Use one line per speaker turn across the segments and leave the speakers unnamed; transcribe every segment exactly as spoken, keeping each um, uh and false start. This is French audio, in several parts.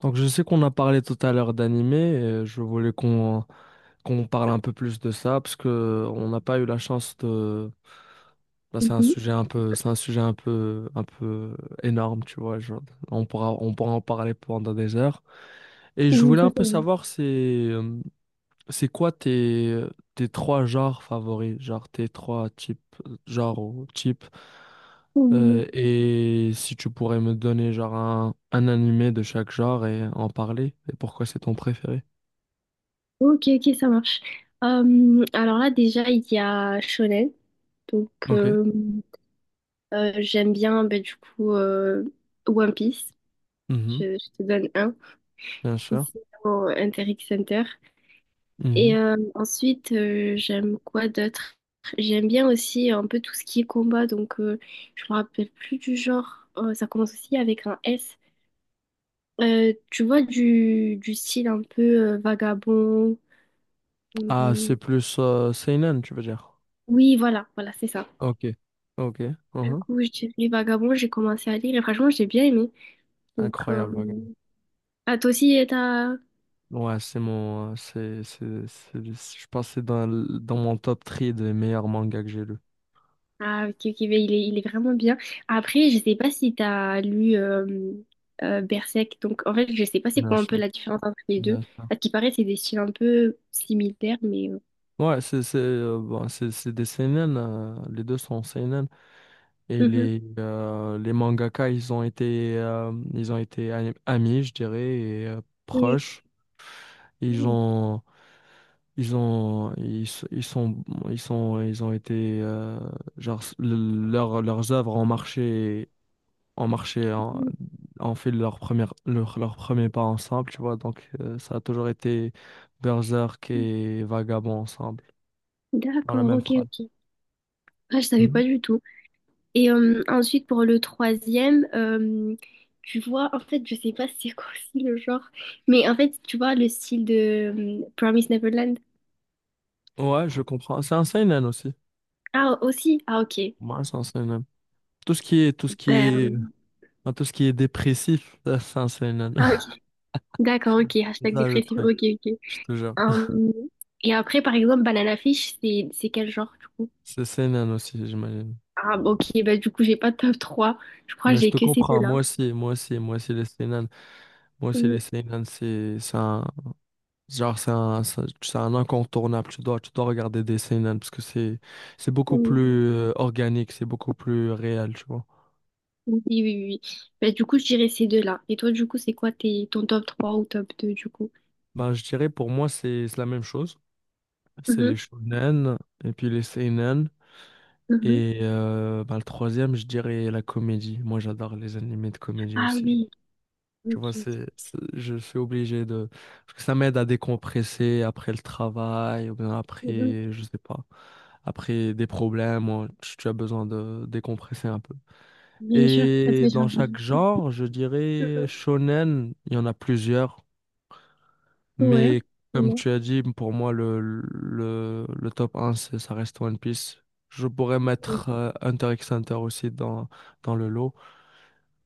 Donc je sais qu'on a parlé tout à l'heure d'animé, et je voulais qu'on qu'on parle un peu plus de ça parce que on n'a pas eu la chance de. Là, c'est un
Mhm.
sujet un peu, c'est un sujet un peu, un peu énorme, tu vois. Genre, on pourra, on pourra en parler pendant des heures. Et je
Oui,
voulais
ça,
un
c'est
peu
vrai.
savoir si, euh, c'est quoi tes, tes trois genres favoris, genre tes trois types, genres ou types,
Oui, oui, oui.
euh, et si tu pourrais me donner genre un, un animé de chaque genre et en parler, et pourquoi c'est ton préféré?
Ok, ok, ça marche. Euh, alors là, déjà, il y a Shonen. Donc,
Ok.
euh, euh, J'aime bien, ben, du coup, euh, One Piece.
Mhm.
Je, je te donne un.
Bien sûr.
Ici, au Interact Center. Et
Mhm.
euh, ensuite, euh, j'aime quoi d'autre? J'aime bien aussi un peu tout ce qui est combat. Donc, euh, je me rappelle plus du genre. Euh, ça commence aussi avec un S. Euh, tu vois, du, du style un peu euh, vagabond.
Ah, c'est
Hum,
plus euh, seinen, tu veux dire?
Oui, voilà, voilà, c'est ça.
Ok. Ok.
Du
Mhm.
coup, je dirais Vagabond, j'ai commencé à lire et franchement, j'ai bien aimé. Donc, euh...
Incroyable, regarde.
ah, toi aussi, euh, t'as...
Ouais, c'est mon, euh, c'est, c'est, c'est- je pense que c'est dans, l- dans mon top trois des meilleurs mangas que j'ai lu.
Ah, ok, ok, mais il est, il est vraiment bien. Après, je sais pas si t'as lu euh, euh, Berserk. Donc, en fait, je sais pas c'est
Bien
quoi un peu
sûr.
la différence entre les deux.
Bien sûr.
À ce qui paraît, c'est des styles un peu similaires, mais euh,
Ouais, c'est c'est euh, bon, c'est c'est des seinen, euh, les deux sont seinen et
mhm.
les euh, les mangaka ils ont été euh, ils ont été ami- amis je dirais et euh,
Oui.
proches. Ils ont ils ont ils, s- ils sont ils sont ils ont été euh, genre s- le- leurs leurs œuvres ont marché, ont marché en, ont fait leur première, leur, leur premier pas ensemble, tu vois. Donc euh, ça a toujours été Berserk et Vagabond ensemble dans la
D'accord,
même
ok,
phrase.
ok. Ah, je savais pas du tout. Et euh, ensuite, pour le troisième, euh, tu vois, en fait, je sais pas c'est quoi aussi le genre, mais en fait, tu vois, le style de euh, Promise Neverland.
Ouais, je comprends. C'est un seinen aussi.
Ah, aussi? Ah, ok.
Ouais, c'est un seinen. Tout ce qui est, tout ce qui
Ben, euh,
est, enfin, tout ce qui est dépressif, ça, c'est un seinen.
ah, ok. D'accord, ok.
C'est
Hashtag
ça le
dépressif.
truc,
Ok, ok.
je te jure.
Euh, et après, par exemple, Banana Fish, c'est c'est quel genre, du coup?
C'est seinen aussi, j'imagine.
Ah, bah, ok. Ben, du coup, j'ai pas de top trois. Je crois que
Mais je
j'ai
te
que ces
comprends,
deux-là.
moi aussi, moi aussi, moi aussi les seinen. Moi aussi les
Oui,
seinen, c'est c'est un, genre, c'est un, c'est c'est un incontournable. Tu dois, tu dois regarder des seinen parce que c'est, c'est beaucoup plus
oui,
euh, organique, c'est beaucoup plus réel, tu vois.
oui, oui, oui. Ben, du coup, je dirais ces deux-là. Et toi, du coup, c'est quoi tes, ton top trois ou top deux du coup?
Ben, je dirais pour moi, c'est c'est la même chose. C'est les
Mhm.
shonen et puis les seinen.
Mhm.
Et euh, bah, le troisième, je dirais la comédie. Moi, j'adore les animés de comédie
Ah
aussi.
oui,
Tu
ok,
vois, c'est,
ok.
c'est- je suis obligé de. Parce que ça m'aide à décompresser après le travail ou bien
Mhm.
après, je sais pas, après des problèmes. Ou tu tu as besoin de décompresser un peu.
Bien sûr, ça te
Et
fait
dans
changer.
chaque genre, je dirais
Mhm.
shonen, il y en a plusieurs.
Ouais,
Mais comme
vraiment,
tu as dit, pour moi, le, le, le top un c'est- ça reste One Piece. Je pourrais
oui,
mettre euh, Hunter x Hunter aussi dans, dans le lot.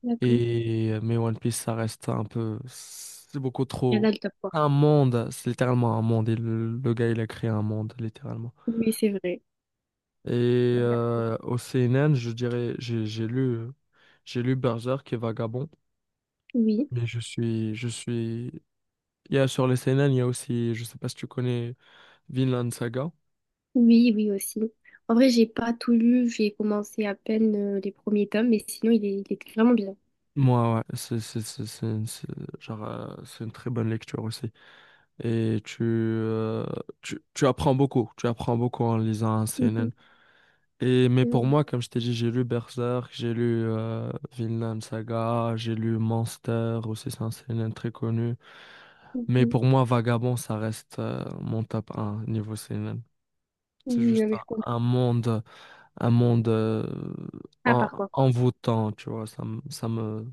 d'accord.
Et, mais One Piece, ça reste un peu. C'est beaucoup
Et
trop.
là, le top trois.
Un monde, c'est littéralement un monde. Et le, le gars, il a créé un monde, littéralement.
Oui, c'est vrai.
Et euh, au C N N, je dirais, j'ai j'ai lu, euh, j'ai lu Berserk et Vagabond.
Oui,
Mais je suis, je suis... Il y a sur les C N N, il y a aussi, je sais pas si tu connais Vinland Saga.
oui, oui aussi. En vrai, j'ai pas tout lu, j'ai commencé à peine euh, les premiers tomes, mais sinon, il est, il était vraiment bien.
Moi, ouais, c'est c'est- c'est- c'est- c'est- genre, euh, c'est une très bonne lecture aussi. Et tu, euh, tu, tu apprends beaucoup, tu apprends beaucoup en lisant un
Mhm,
C N N. Et, mais
c'est vrai.
pour moi, comme je t'ai dit, j'ai lu Berserk, j'ai lu euh, Vinland Saga, j'ai lu Monster, aussi c'est un C N N très connu. Mais
Mhm.
pour moi, Vagabond, ça reste euh, mon top un niveau C N N. C'est
Oui, non,
juste
mais
un,
je comprends.
un monde, un monde euh,
Ah,
en-
par contre,
envoûtant, tu vois, ça, me- ça me.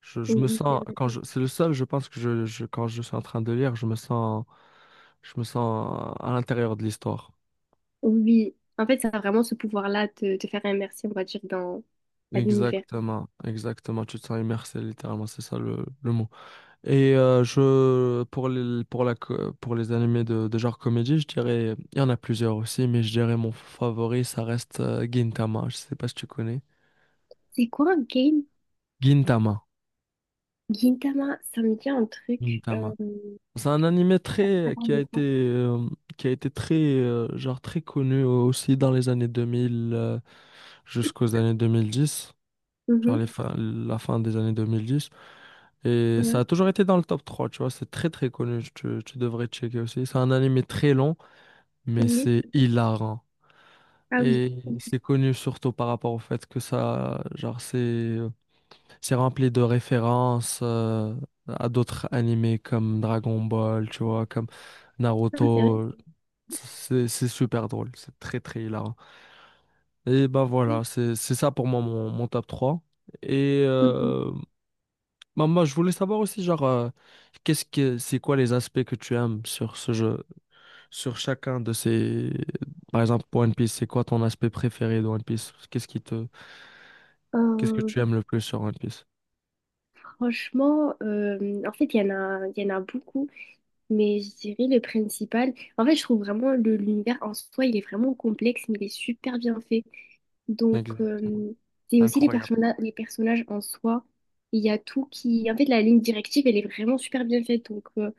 Je, je me
oui, c'est
sens,
vrai,
quand
c'est
je,
vrai.
c'est le seul, je pense que je, je- quand je suis en train de lire, je me sens, je me sens à l'intérieur de l'histoire.
Oui, en fait, ça a vraiment ce pouvoir-là de te faire immerser, on va dire, dans dans l'univers.
Exactement, exactement. Tu te sens immersé, littéralement, c'est ça le, le mot. Et euh, je, pour les, pour la, co- pour les animés de, de genre comédie, je dirais, il y en a plusieurs aussi, mais je dirais mon favori, ça reste euh, Gintama. Je sais pas si tu connais.
C'est quoi un game?
Gintama.
Gintama, ça me dit un truc. euh,
Gintama. C'est un animé très
Attends,
qui a
de
été
quoi?
euh, qui a été très euh, genre très connu aussi dans les années deux mille, euh, jusqu'aux années deux mille dix, genre
Mhm.
les fin- la fin des années deux mille dix, et ça
Ouais.
a toujours été dans le top trois, tu vois, c'est très très connu, tu, tu devrais checker aussi. C'est un animé très long mais
Oui.
c'est hilarant
Ah oui.
et
Ok.
c'est connu surtout par rapport au fait que ça, genre, c'est c'est rempli de références euh, à d'autres animés comme Dragon Ball, tu vois, comme
Ah, c'est vrai.
Naruto. C'est c'est super drôle, c'est très très hilarant. Et ben voilà, c'est c'est ça pour moi mon, mon top trois. Et
Mhm.
euh, ben, moi je voulais savoir aussi genre euh, qu'est-ce que c'est quoi les aspects que tu aimes sur ce jeu, sur chacun de ces, par exemple pour One Piece, c'est quoi ton aspect préféré de One Piece? Qu'est-ce qui te qu'est-ce que
Euh,
tu aimes le plus sur One Piece?
Franchement, euh, en fait, il y en a, il y en a beaucoup, mais je dirais le principal. En fait, je trouve vraiment le l'univers en soi, il est vraiment complexe, mais il est super bien fait. Donc,
Exact.
euh, c'est aussi les
Incroyable.
personnages, les personnages en soi. Il y a tout qui. En fait, la ligne directive, elle est vraiment super bien faite. Donc, euh,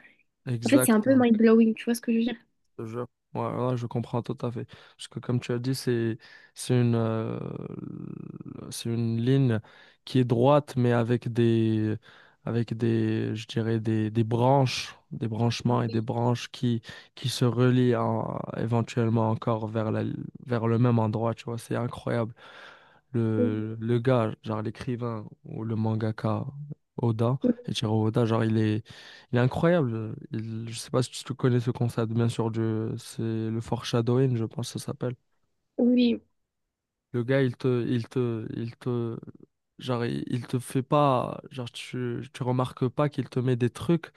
En fait, c'est un
Exact.
peu mind-blowing, tu vois ce que je veux dire?
Te jure. Ouais, là, je comprends tout à fait. Parce que comme tu as dit, c'est c'est une euh, c'est une ligne qui est droite, mais avec des avec des, je dirais des, des branches, des branchements et des
Oui.
branches qui qui se relient en- éventuellement encore vers la vers le même endroit. Tu vois, c'est incroyable.
Oui.
Le le gars, genre l'écrivain ou le mangaka Oda, Eiichiro Oda, genre il est il est incroyable. Il- je sais pas si tu connais ce concept, bien sûr, du, c'est le foreshadowing, je pense que ça s'appelle.
Oui.
Le gars, il te, il te, il te, genre, il, il te fait pas, genre, tu, tu remarques pas qu'il te met des trucs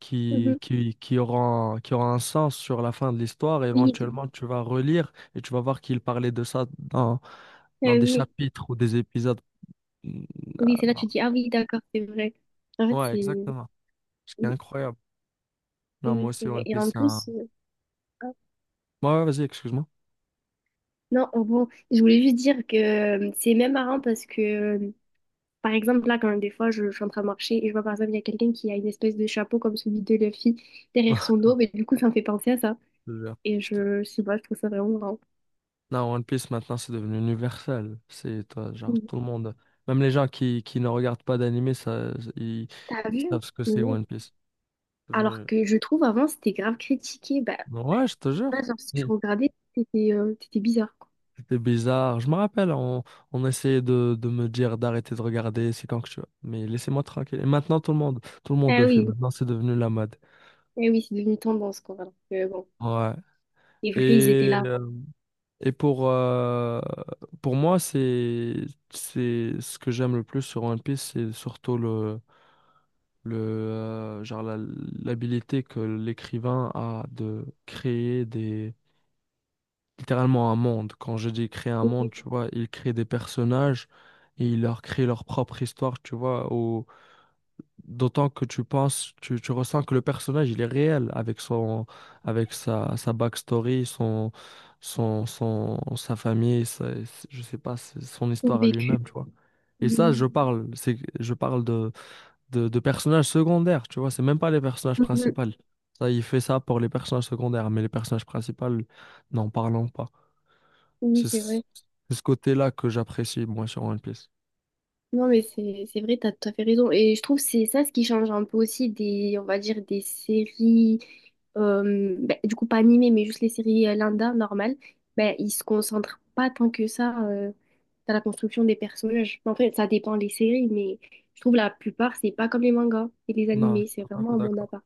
qui,
Mhm.
qui, qui auront, qui auront un sens sur la fin de l'histoire. Et
Oui.
éventuellement, tu vas relire et tu vas voir qu'il parlait de ça dans, dans
Euh,
des
oui.
chapitres ou des épisodes. Mm, ah,
Oui, c'est là que
non.
tu dis, ah oui, d'accord, c'est vrai. En fait,
Ouais,
c'est
exactement. Ce qui est
oui,
incroyable.
c'est
Non,
vrai,
moi aussi,
c'est vrai.
One
Et
Piece,
en
c'est un.
plus, euh, ah,
Ouais, ouais, vas-y, excuse-moi.
non, oh, bon, je voulais juste dire que euh, c'est même marrant parce que, euh, par exemple, là, quand des fois, je, je suis en train de marcher et je vois, par exemple, il y a quelqu'un qui a une espèce de chapeau comme celui de Luffy derrière son dos, mais du coup, ça me fait penser à ça.
Genre,
Et
putain.
je, je sais pas, je trouve ça vraiment marrant.
Non, One Piece maintenant c'est devenu universel. C'est toi, genre tout
Mhm.
le monde, même les gens qui, qui ne regardent pas d'anime, ça, ils, ils
T'as vu?
savent ce que
Mais
c'est
non.
One Piece. C'est
Alors
devenu-
que je trouve, avant, c'était grave critiqué. Bah,
Ouais, je te
je sais
jure.
pas, genre, si
Oui.
tu regardais, c'était euh, c'était bizarre, quoi.
C'était bizarre. Je me rappelle, on, on essayait de, de me dire d'arrêter de regarder, c'est quand que tu veux. Mais laissez-moi tranquille. Et maintenant tout le monde, tout le monde
Ah
le fait.
oui,
Maintenant c'est devenu la mode.
ah oui, c'est devenu tendance, quoi. Alors que, bon.
Ouais.
C'est vrai, ils étaient
Et,
là, avant.
euh, et pour, euh, pour moi, c'est, c'est ce que j'aime le plus sur One Piece, c'est surtout le le euh, genre la- l'habilité que l'écrivain a de créer des, littéralement un monde. Quand je dis créer un monde,
Oui,
tu vois, il crée des personnages et il leur crée leur propre histoire, tu vois, au- d'autant que tu penses, tu, tu ressens que le personnage il est réel avec son avec sa, sa backstory, son son son sa famille, sa- je sais pas, son
ont
histoire à
vécu.
lui-même, tu vois. Et ça,
Oui,
je parle, c'est je parle de de, de personnages secondaires, tu vois, c'est même pas les personnages
mhm.
principaux. Ça, il fait ça pour les personnages secondaires, mais les personnages principaux, n'en parlons pas.
Oui,
C'est
c'est
ce
vrai.
c'est ce côté-là que j'apprécie, moi, sur One Piece.
Non, mais c'est c'est vrai, t'as tout à fait raison. Et je trouve que c'est ça ce qui change un peu aussi des, on va dire, des séries, euh, ben, du coup pas animées, mais juste les séries euh, lambda, normales. Ben, ils se concentrent pas tant que ça euh, dans la construction des personnages. En fait, ça dépend des séries, mais je trouve la plupart, c'est pas comme les mangas et les
Non, je
animés,
suis
c'est
tout à
vraiment
fait
un monde à
d'accord.
part.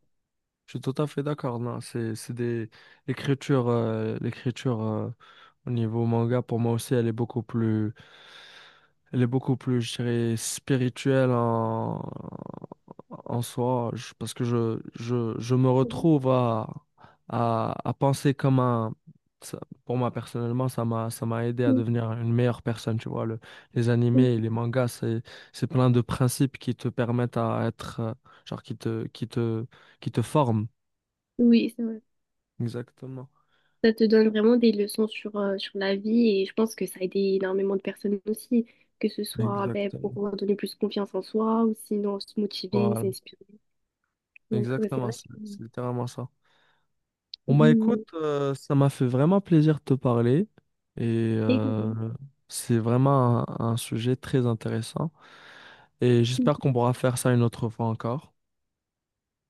Je suis tout à fait d'accord. Non, c'est c'est des l'écriture euh, l'écriture euh, au niveau manga pour moi aussi elle est beaucoup plus elle est beaucoup plus, je dirais, spirituelle en en soi, je- parce que je je je me
Mhm.
retrouve à à, à penser comme un ça- pour moi personnellement ça m'a ça m'a aidé à devenir une meilleure personne, tu vois, le, les animés et
Mhm.
les mangas c'est c'est plein de principes qui te permettent à être euh, genre qui te qui te qui te forme.
Oui, c'est vrai.
Exactement.
Ça te donne vraiment des leçons sur, euh, sur la vie et je pense que ça a aidé énormément de personnes aussi, que ce soit ben,
Exactement.
pour donner plus confiance en soi ou sinon se motiver,
Voilà.
s'inspirer. Donc ouais, c'est
Exactement.
vrai
C'est
que...
c'est littéralement ça. Bon, bah écoute,
Mm,
euh, ça m'a fait vraiment plaisir de te parler et euh,
également.
c'est vraiment un, un sujet très intéressant et j'espère qu'on pourra faire ça une autre fois encore.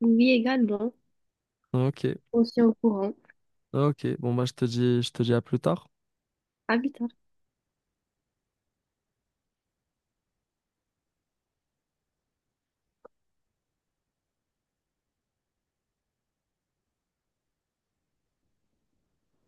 Oui, également.
Ok.
On se tient au courant.
Ok. Bon, bah je te dis, je te dis à plus tard.
À plus tard.